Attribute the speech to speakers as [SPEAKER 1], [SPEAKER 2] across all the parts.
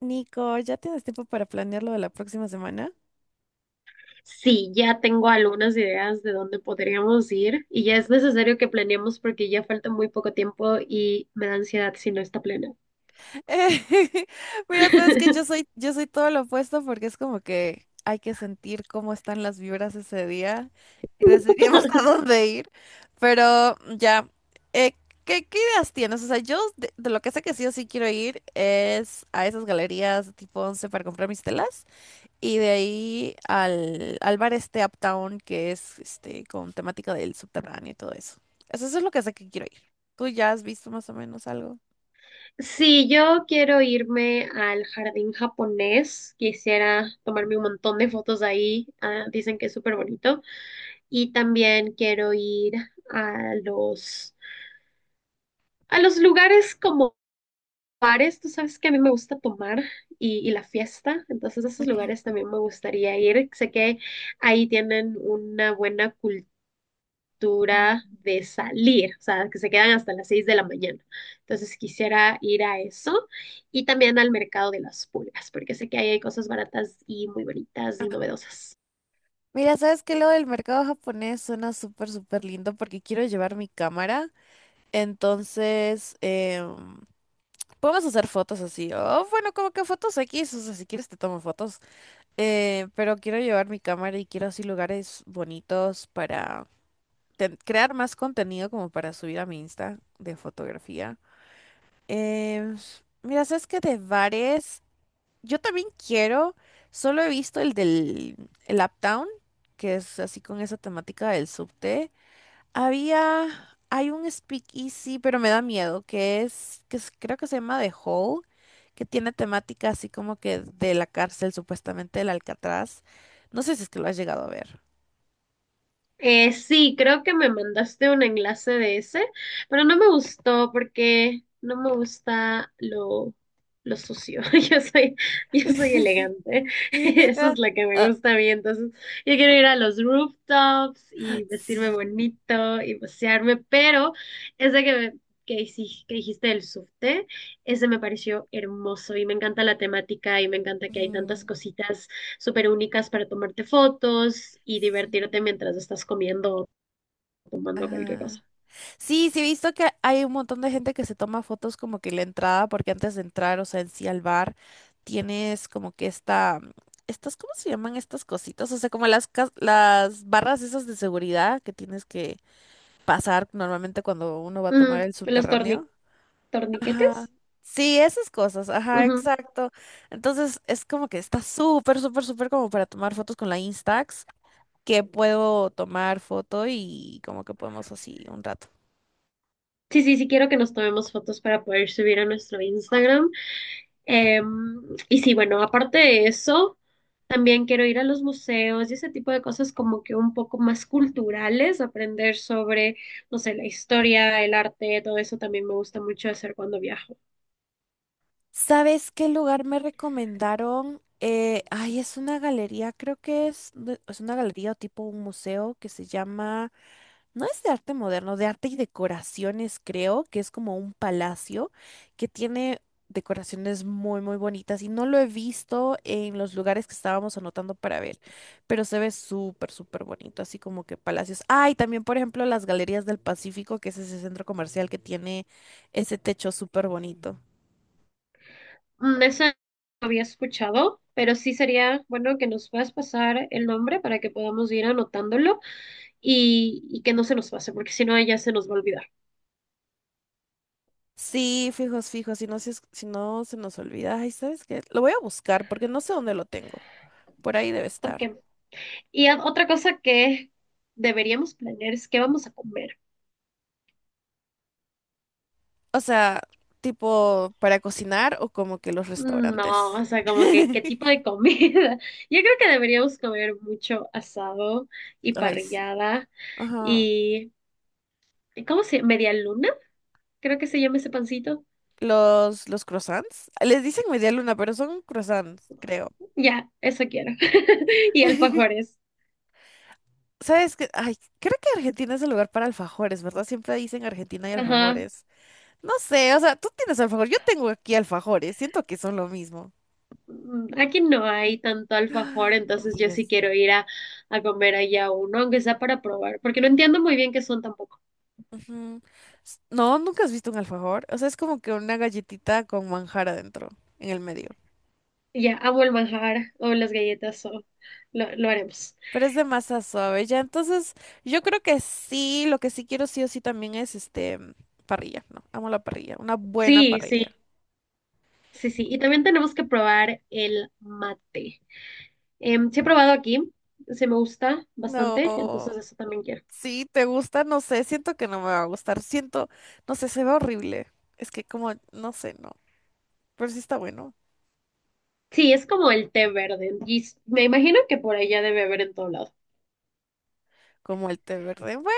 [SPEAKER 1] Nico, ¿ya tienes tiempo para planear lo de la próxima semana?
[SPEAKER 2] Sí, ya tengo algunas ideas de dónde podríamos ir y ya es necesario que planeemos porque ya falta muy poco tiempo y me da ansiedad si no está plena.
[SPEAKER 1] Mira, sabes que yo soy, yo soy todo lo opuesto, porque es como que hay que sentir cómo están las vibras ese día y decidimos a dónde ir. Pero ya, eh, ¿qué ideas tienes? O sea, yo de lo que sé que sí o sí quiero ir es a esas galerías tipo Once para comprar mis telas. Y de ahí al bar este Uptown, que es este con temática del subterráneo y todo eso. Eso es lo que sé que quiero ir. ¿Tú ya has visto más o menos algo?
[SPEAKER 2] Sí, yo quiero irme al jardín japonés, quisiera tomarme un montón de fotos ahí, dicen que es súper bonito y también quiero ir a los, a los lugares como bares. Tú sabes que a mí me gusta tomar y la fiesta, entonces a esos lugares también me gustaría ir. Sé que ahí tienen una buena
[SPEAKER 1] Ujú.
[SPEAKER 2] cultura de salir, o sea, que se quedan hasta las 6 de la mañana. Entonces quisiera ir a eso y también al mercado de las pulgas, porque sé que ahí hay cosas baratas y muy bonitas y novedosas.
[SPEAKER 1] Mira, ¿sabes qué? Lo del mercado japonés suena súper, súper lindo porque quiero llevar mi cámara. Entonces, podemos hacer fotos así. Oh, bueno, como que fotos X, o sea, si quieres te tomo fotos. Pero quiero llevar mi cámara y quiero así lugares bonitos para crear más contenido como para subir a mi Insta de fotografía. Em, mira, sabes que de bares, yo también quiero, solo he visto el del el Uptown, que es así con esa temática del subte. Hay un speakeasy, pero me da miedo, creo que se llama The Hall, que tiene temática así como que de la cárcel, supuestamente del Alcatraz. No sé si es que lo has llegado a ver.
[SPEAKER 2] Sí, creo que me mandaste un enlace de ese, pero no me gustó porque no me gusta lo sucio. Yo soy, yo soy elegante. Eso es lo que me gusta a mí. Entonces, yo quiero ir a los rooftops y vestirme
[SPEAKER 1] Sí.
[SPEAKER 2] bonito y pasearme, pero ese que, me- hiciste, que dijiste del subte, ese me pareció hermoso y me encanta la temática y me encanta que hay tantas
[SPEAKER 1] Mm,
[SPEAKER 2] cositas súper únicas para tomarte fotos y
[SPEAKER 1] sí.
[SPEAKER 2] divertirte mientras estás comiendo o tomando cualquier cosa.
[SPEAKER 1] Ajá. Sí, sí he visto que hay un montón de gente que se toma fotos como que la entrada, porque antes de entrar, o sea, en sí al bar, tienes como que estas, ¿cómo se llaman estas cositas? O sea, como las barras esas de seguridad que tienes que pasar normalmente cuando uno va a tomar
[SPEAKER 2] Ujú.
[SPEAKER 1] el subterráneo. Ajá.
[SPEAKER 2] Torniquetes.
[SPEAKER 1] Sí, esas cosas, ajá,
[SPEAKER 2] Ujú.
[SPEAKER 1] exacto. Entonces es como que está súper, súper, súper como para tomar fotos con la Instax, que puedo tomar foto y como que podemos así un rato.
[SPEAKER 2] Sí, sí, sí, quiero que nos tomemos fotos para poder subir a nuestro Instagram. Em, y sí, bueno, aparte de eso, también quiero ir a los museos y ese tipo de cosas como que un poco más culturales, aprender sobre, no sé, la historia, el arte, todo eso también me gusta mucho hacer cuando viajo.
[SPEAKER 1] ¿Sabes qué lugar me recomendaron? Ay, es una galería, creo es una galería o tipo un museo que se llama... No, es de arte moderno, de arte y decoraciones, creo, que es como un palacio que tiene decoraciones muy, muy bonitas, y no lo he visto en los lugares que estábamos anotando para ver, pero se ve súper, súper bonito, así como que palacios. Ah, y también, por ejemplo, las Galerías del Pacífico, que es ese centro comercial que tiene ese techo súper bonito.
[SPEAKER 2] Mm, esa no había escuchado, pero sí sería bueno que nos puedas pasar el nombre para que podamos ir anotándolo y que no se nos pase, porque si no ya se nos va a olvidar.
[SPEAKER 1] Sí, fijos, fijos, si no, si no se nos olvida, ay, ¿sabes qué? Lo voy a buscar porque no sé dónde lo tengo. Por ahí debe estar.
[SPEAKER 2] Ok. Y otra cosa que deberíamos planear es qué vamos a comer.
[SPEAKER 1] O sea, tipo para cocinar o como que los
[SPEAKER 2] Mm, no,
[SPEAKER 1] restaurantes.
[SPEAKER 2] o sea, como que qué tipo de comida. Yo creo que deberíamos comer mucho asado y
[SPEAKER 1] Ay, sí.
[SPEAKER 2] parrillada
[SPEAKER 1] Ajá.
[SPEAKER 2] y ¿cómo se llama? ¿Media luna? Creo que se llama ese pancito.
[SPEAKER 1] Los croissants. Les dicen media luna, pero son croissants, creo.
[SPEAKER 2] Ya, eso quiero. Y alfajores.
[SPEAKER 1] ¿Sabes qué? Ay, creo que Argentina es el lugar para alfajores, ¿verdad? Siempre dicen Argentina y
[SPEAKER 2] Ajá.
[SPEAKER 1] alfajores. No sé, o sea, tú tienes alfajor, yo tengo aquí alfajores, siento que son lo mismo.
[SPEAKER 2] Mm, aquí no hay tanto alfajor,
[SPEAKER 1] No
[SPEAKER 2] entonces yo sí
[SPEAKER 1] digas.
[SPEAKER 2] quiero ir a comer allá uno, aunque sea para probar, porque no entiendo muy bien qué son tampoco.
[SPEAKER 1] Ujú. S- no, nunca has visto un alfajor. O sea, es como que una galletita con manjar adentro, en el medio.
[SPEAKER 2] Y ya, amo el manjar o las galletas o lo haremos.
[SPEAKER 1] Pero es de masa suave, ya. Entonces, yo creo que sí, lo que sí quiero sí o sí también es este parrilla, ¿no? Amo la parrilla, una buena
[SPEAKER 2] Sí, sí,
[SPEAKER 1] parrilla.
[SPEAKER 2] sí, sí. Y también tenemos que probar el mate. Sí he probado aquí, se me gusta
[SPEAKER 1] No,
[SPEAKER 2] bastante, entonces eso también quiero.
[SPEAKER 1] sí, te gusta, no sé, siento que no me va a gustar, siento, no sé, se ve horrible. Es que como, no sé, no, pero sí está bueno,
[SPEAKER 2] Sí, es como el té verde, y me imagino que por allá debe haber en todo lado.
[SPEAKER 1] como el té verde. Bueno,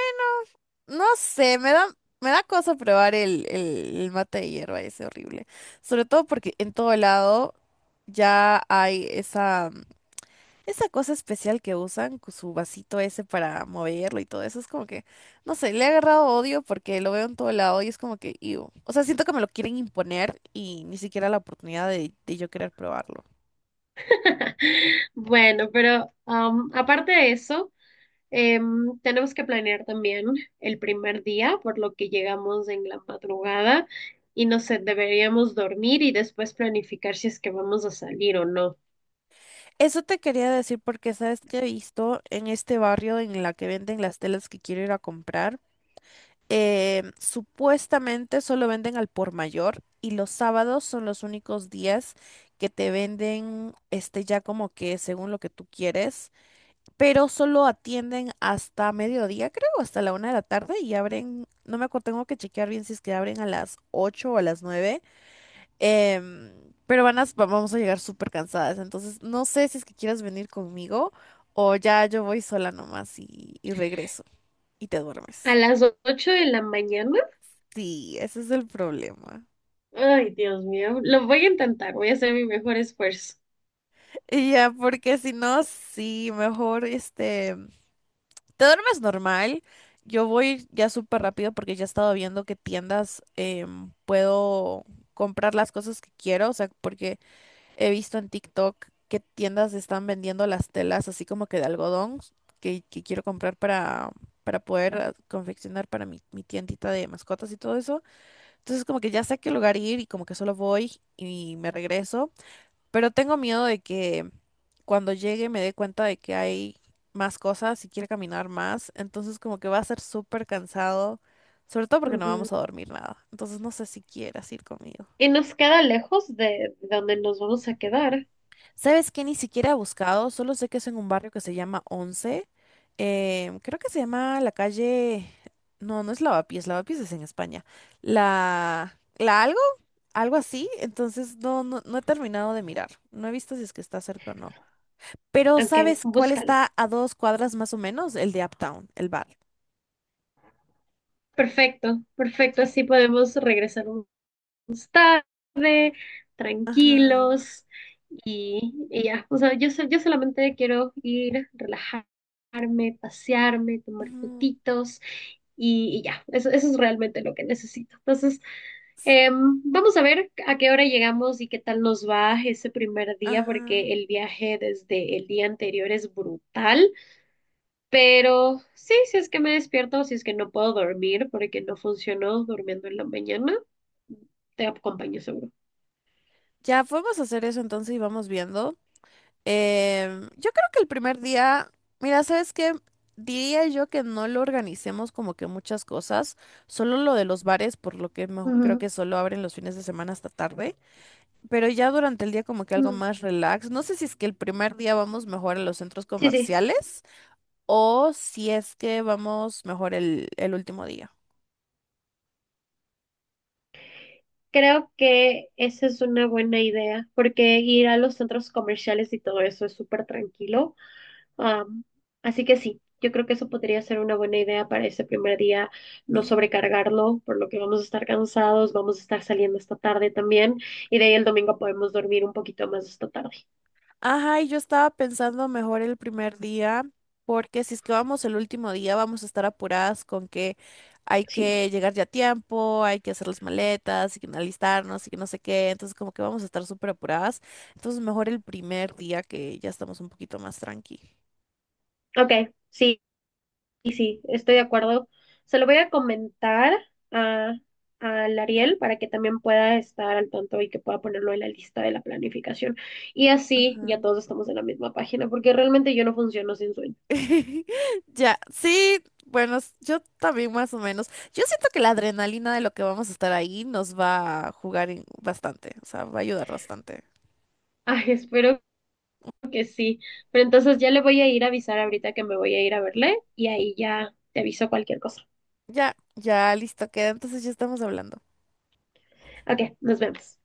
[SPEAKER 1] no sé, me da cosa probar el mate de hierba, ese horrible. Sobre todo porque en todo lado ya hay esa... Esa cosa especial que usan, su vasito ese para moverlo y todo eso, es como que, no sé, le he agarrado odio porque lo veo en todo lado y es como que, iu. O sea, siento que me lo quieren imponer y ni siquiera la oportunidad de yo querer probarlo.
[SPEAKER 2] Bueno, pero aparte de eso, tenemos que planear también el primer día, por lo que llegamos en la madrugada y no sé, deberíamos dormir y después planificar si es que vamos a salir o no.
[SPEAKER 1] Eso te quería decir porque, ¿sabes que he visto en este barrio en la que venden las telas que quiero ir a comprar? Supuestamente solo venden al por mayor y los sábados son los únicos días que te venden este ya como que según lo que tú quieres, pero solo atienden hasta mediodía, creo, hasta la 1 de la tarde, y abren, no me acuerdo, tengo que chequear bien si es que abren a las 8 o a las 9. em, pero vamos a llegar súper cansadas, entonces no sé si es que quieras venir conmigo, o ya yo voy sola nomás y regreso y te
[SPEAKER 2] A
[SPEAKER 1] duermes.
[SPEAKER 2] las 8 de la mañana,
[SPEAKER 1] Sí, ese es el problema.
[SPEAKER 2] ay, Dios mío, lo voy a intentar, voy a hacer mi mejor esfuerzo.
[SPEAKER 1] Y ya, porque si no, sí, mejor este... Te duermes normal. Yo voy ya súper rápido porque ya he estado viendo qué tiendas puedo comprar las cosas que quiero. O sea, porque he visto en TikTok qué tiendas están vendiendo las telas así como que de algodón que quiero comprar para poder confeccionar para mi tiendita de mascotas y todo eso. Entonces como que ya sé a qué lugar ir, y como que solo voy y me regreso. Pero tengo miedo de que cuando llegue me dé cuenta de que hay más cosas y quiere caminar más. Entonces como que va a ser súper cansado, sobre todo porque no
[SPEAKER 2] Ujú.
[SPEAKER 1] vamos a dormir nada. Entonces no sé si quieras ir conmigo.
[SPEAKER 2] Y nos queda lejos de donde nos vamos a quedar.
[SPEAKER 1] ¿Sabes qué? Ni siquiera he buscado, solo sé que es en un barrio que se llama Once. Creo que se llama la calle... No, no es Lavapiés, Lavapiés es en España. La... ¿La algo? Algo así. Entonces no, no, no he terminado de mirar. No he visto si es que está cerca o no. Pero
[SPEAKER 2] Ok,
[SPEAKER 1] ¿sabes cuál
[SPEAKER 2] búscalo.
[SPEAKER 1] está a dos cuadras más o menos? El de Uptown, el bar.
[SPEAKER 2] Perfecto, perfecto, así podemos regresar un
[SPEAKER 1] Ajá.
[SPEAKER 2] tranquilos y ya, o sea, yo solamente quiero ir, relajarme, pasearme, tomar
[SPEAKER 1] Ujú,
[SPEAKER 2] fotitos y ya, eso es realmente lo que necesito. Entonces, vamos a ver a qué hora llegamos y qué tal nos va ese primer día,
[SPEAKER 1] ajá.
[SPEAKER 2] porque el viaje desde el día anterior es brutal, pero sí, si es que me despierto, si es que no puedo dormir porque no funcionó durmiendo en la mañana, te acompaño seguro.
[SPEAKER 1] Ya podemos hacer eso entonces, y vamos viendo. Yo creo que el primer día, mira, ¿sabes qué? Diría yo que no lo organicemos como que muchas cosas, solo lo de los bares, por lo que creo
[SPEAKER 2] Ujú,
[SPEAKER 1] que solo abren los fines de semana hasta tarde, pero ya durante el día como que algo
[SPEAKER 2] ujú.
[SPEAKER 1] más relax. No sé si es que el primer día vamos mejor a los centros
[SPEAKER 2] Sí, sí,
[SPEAKER 1] comerciales, o si es que vamos mejor el último día.
[SPEAKER 2] creo que esa es una buena idea, porque ir a los centros comerciales y todo eso es súper tranquilo. Am, Así que sí, yo creo que eso podría ser una buena idea para ese primer día, no
[SPEAKER 1] Mm.
[SPEAKER 2] sobrecargarlo, por lo que vamos a estar cansados, vamos a estar saliendo esta tarde también, y de ahí el domingo podemos dormir un poquito más esta tarde.
[SPEAKER 1] Ajá, y yo estaba pensando mejor el primer día, porque si es que vamos el último día, vamos a estar apuradas con que hay
[SPEAKER 2] Sí,
[SPEAKER 1] que llegar ya a tiempo, hay que hacer las maletas y que alistarnos y que no sé qué. Entonces, como que vamos a estar súper apuradas. Entonces, mejor el primer día, que ya estamos un poquito más tranqui.
[SPEAKER 2] ok, sí. Y sí, estoy de acuerdo. Se lo voy a comentar a, al Ariel para que también pueda estar al tanto y que pueda ponerlo en la lista de la planificación. Y así
[SPEAKER 1] Ajá.
[SPEAKER 2] ya todos estamos en la misma página, porque realmente yo no funciono sin sueño.
[SPEAKER 1] Ya, sí, bueno, yo también más o menos. Yo siento que la adrenalina de lo que vamos a estar ahí nos va a jugar bastante, o sea, va a ayudar bastante.
[SPEAKER 2] Ay, espero que sí. Pero entonces ya le voy a ir a avisar ahorita que me voy a ir a verle y ahí ya te aviso cualquier cosa.
[SPEAKER 1] Ya, ya, listo, queda. Entonces ya estamos hablando.
[SPEAKER 2] Ok, nos vemos.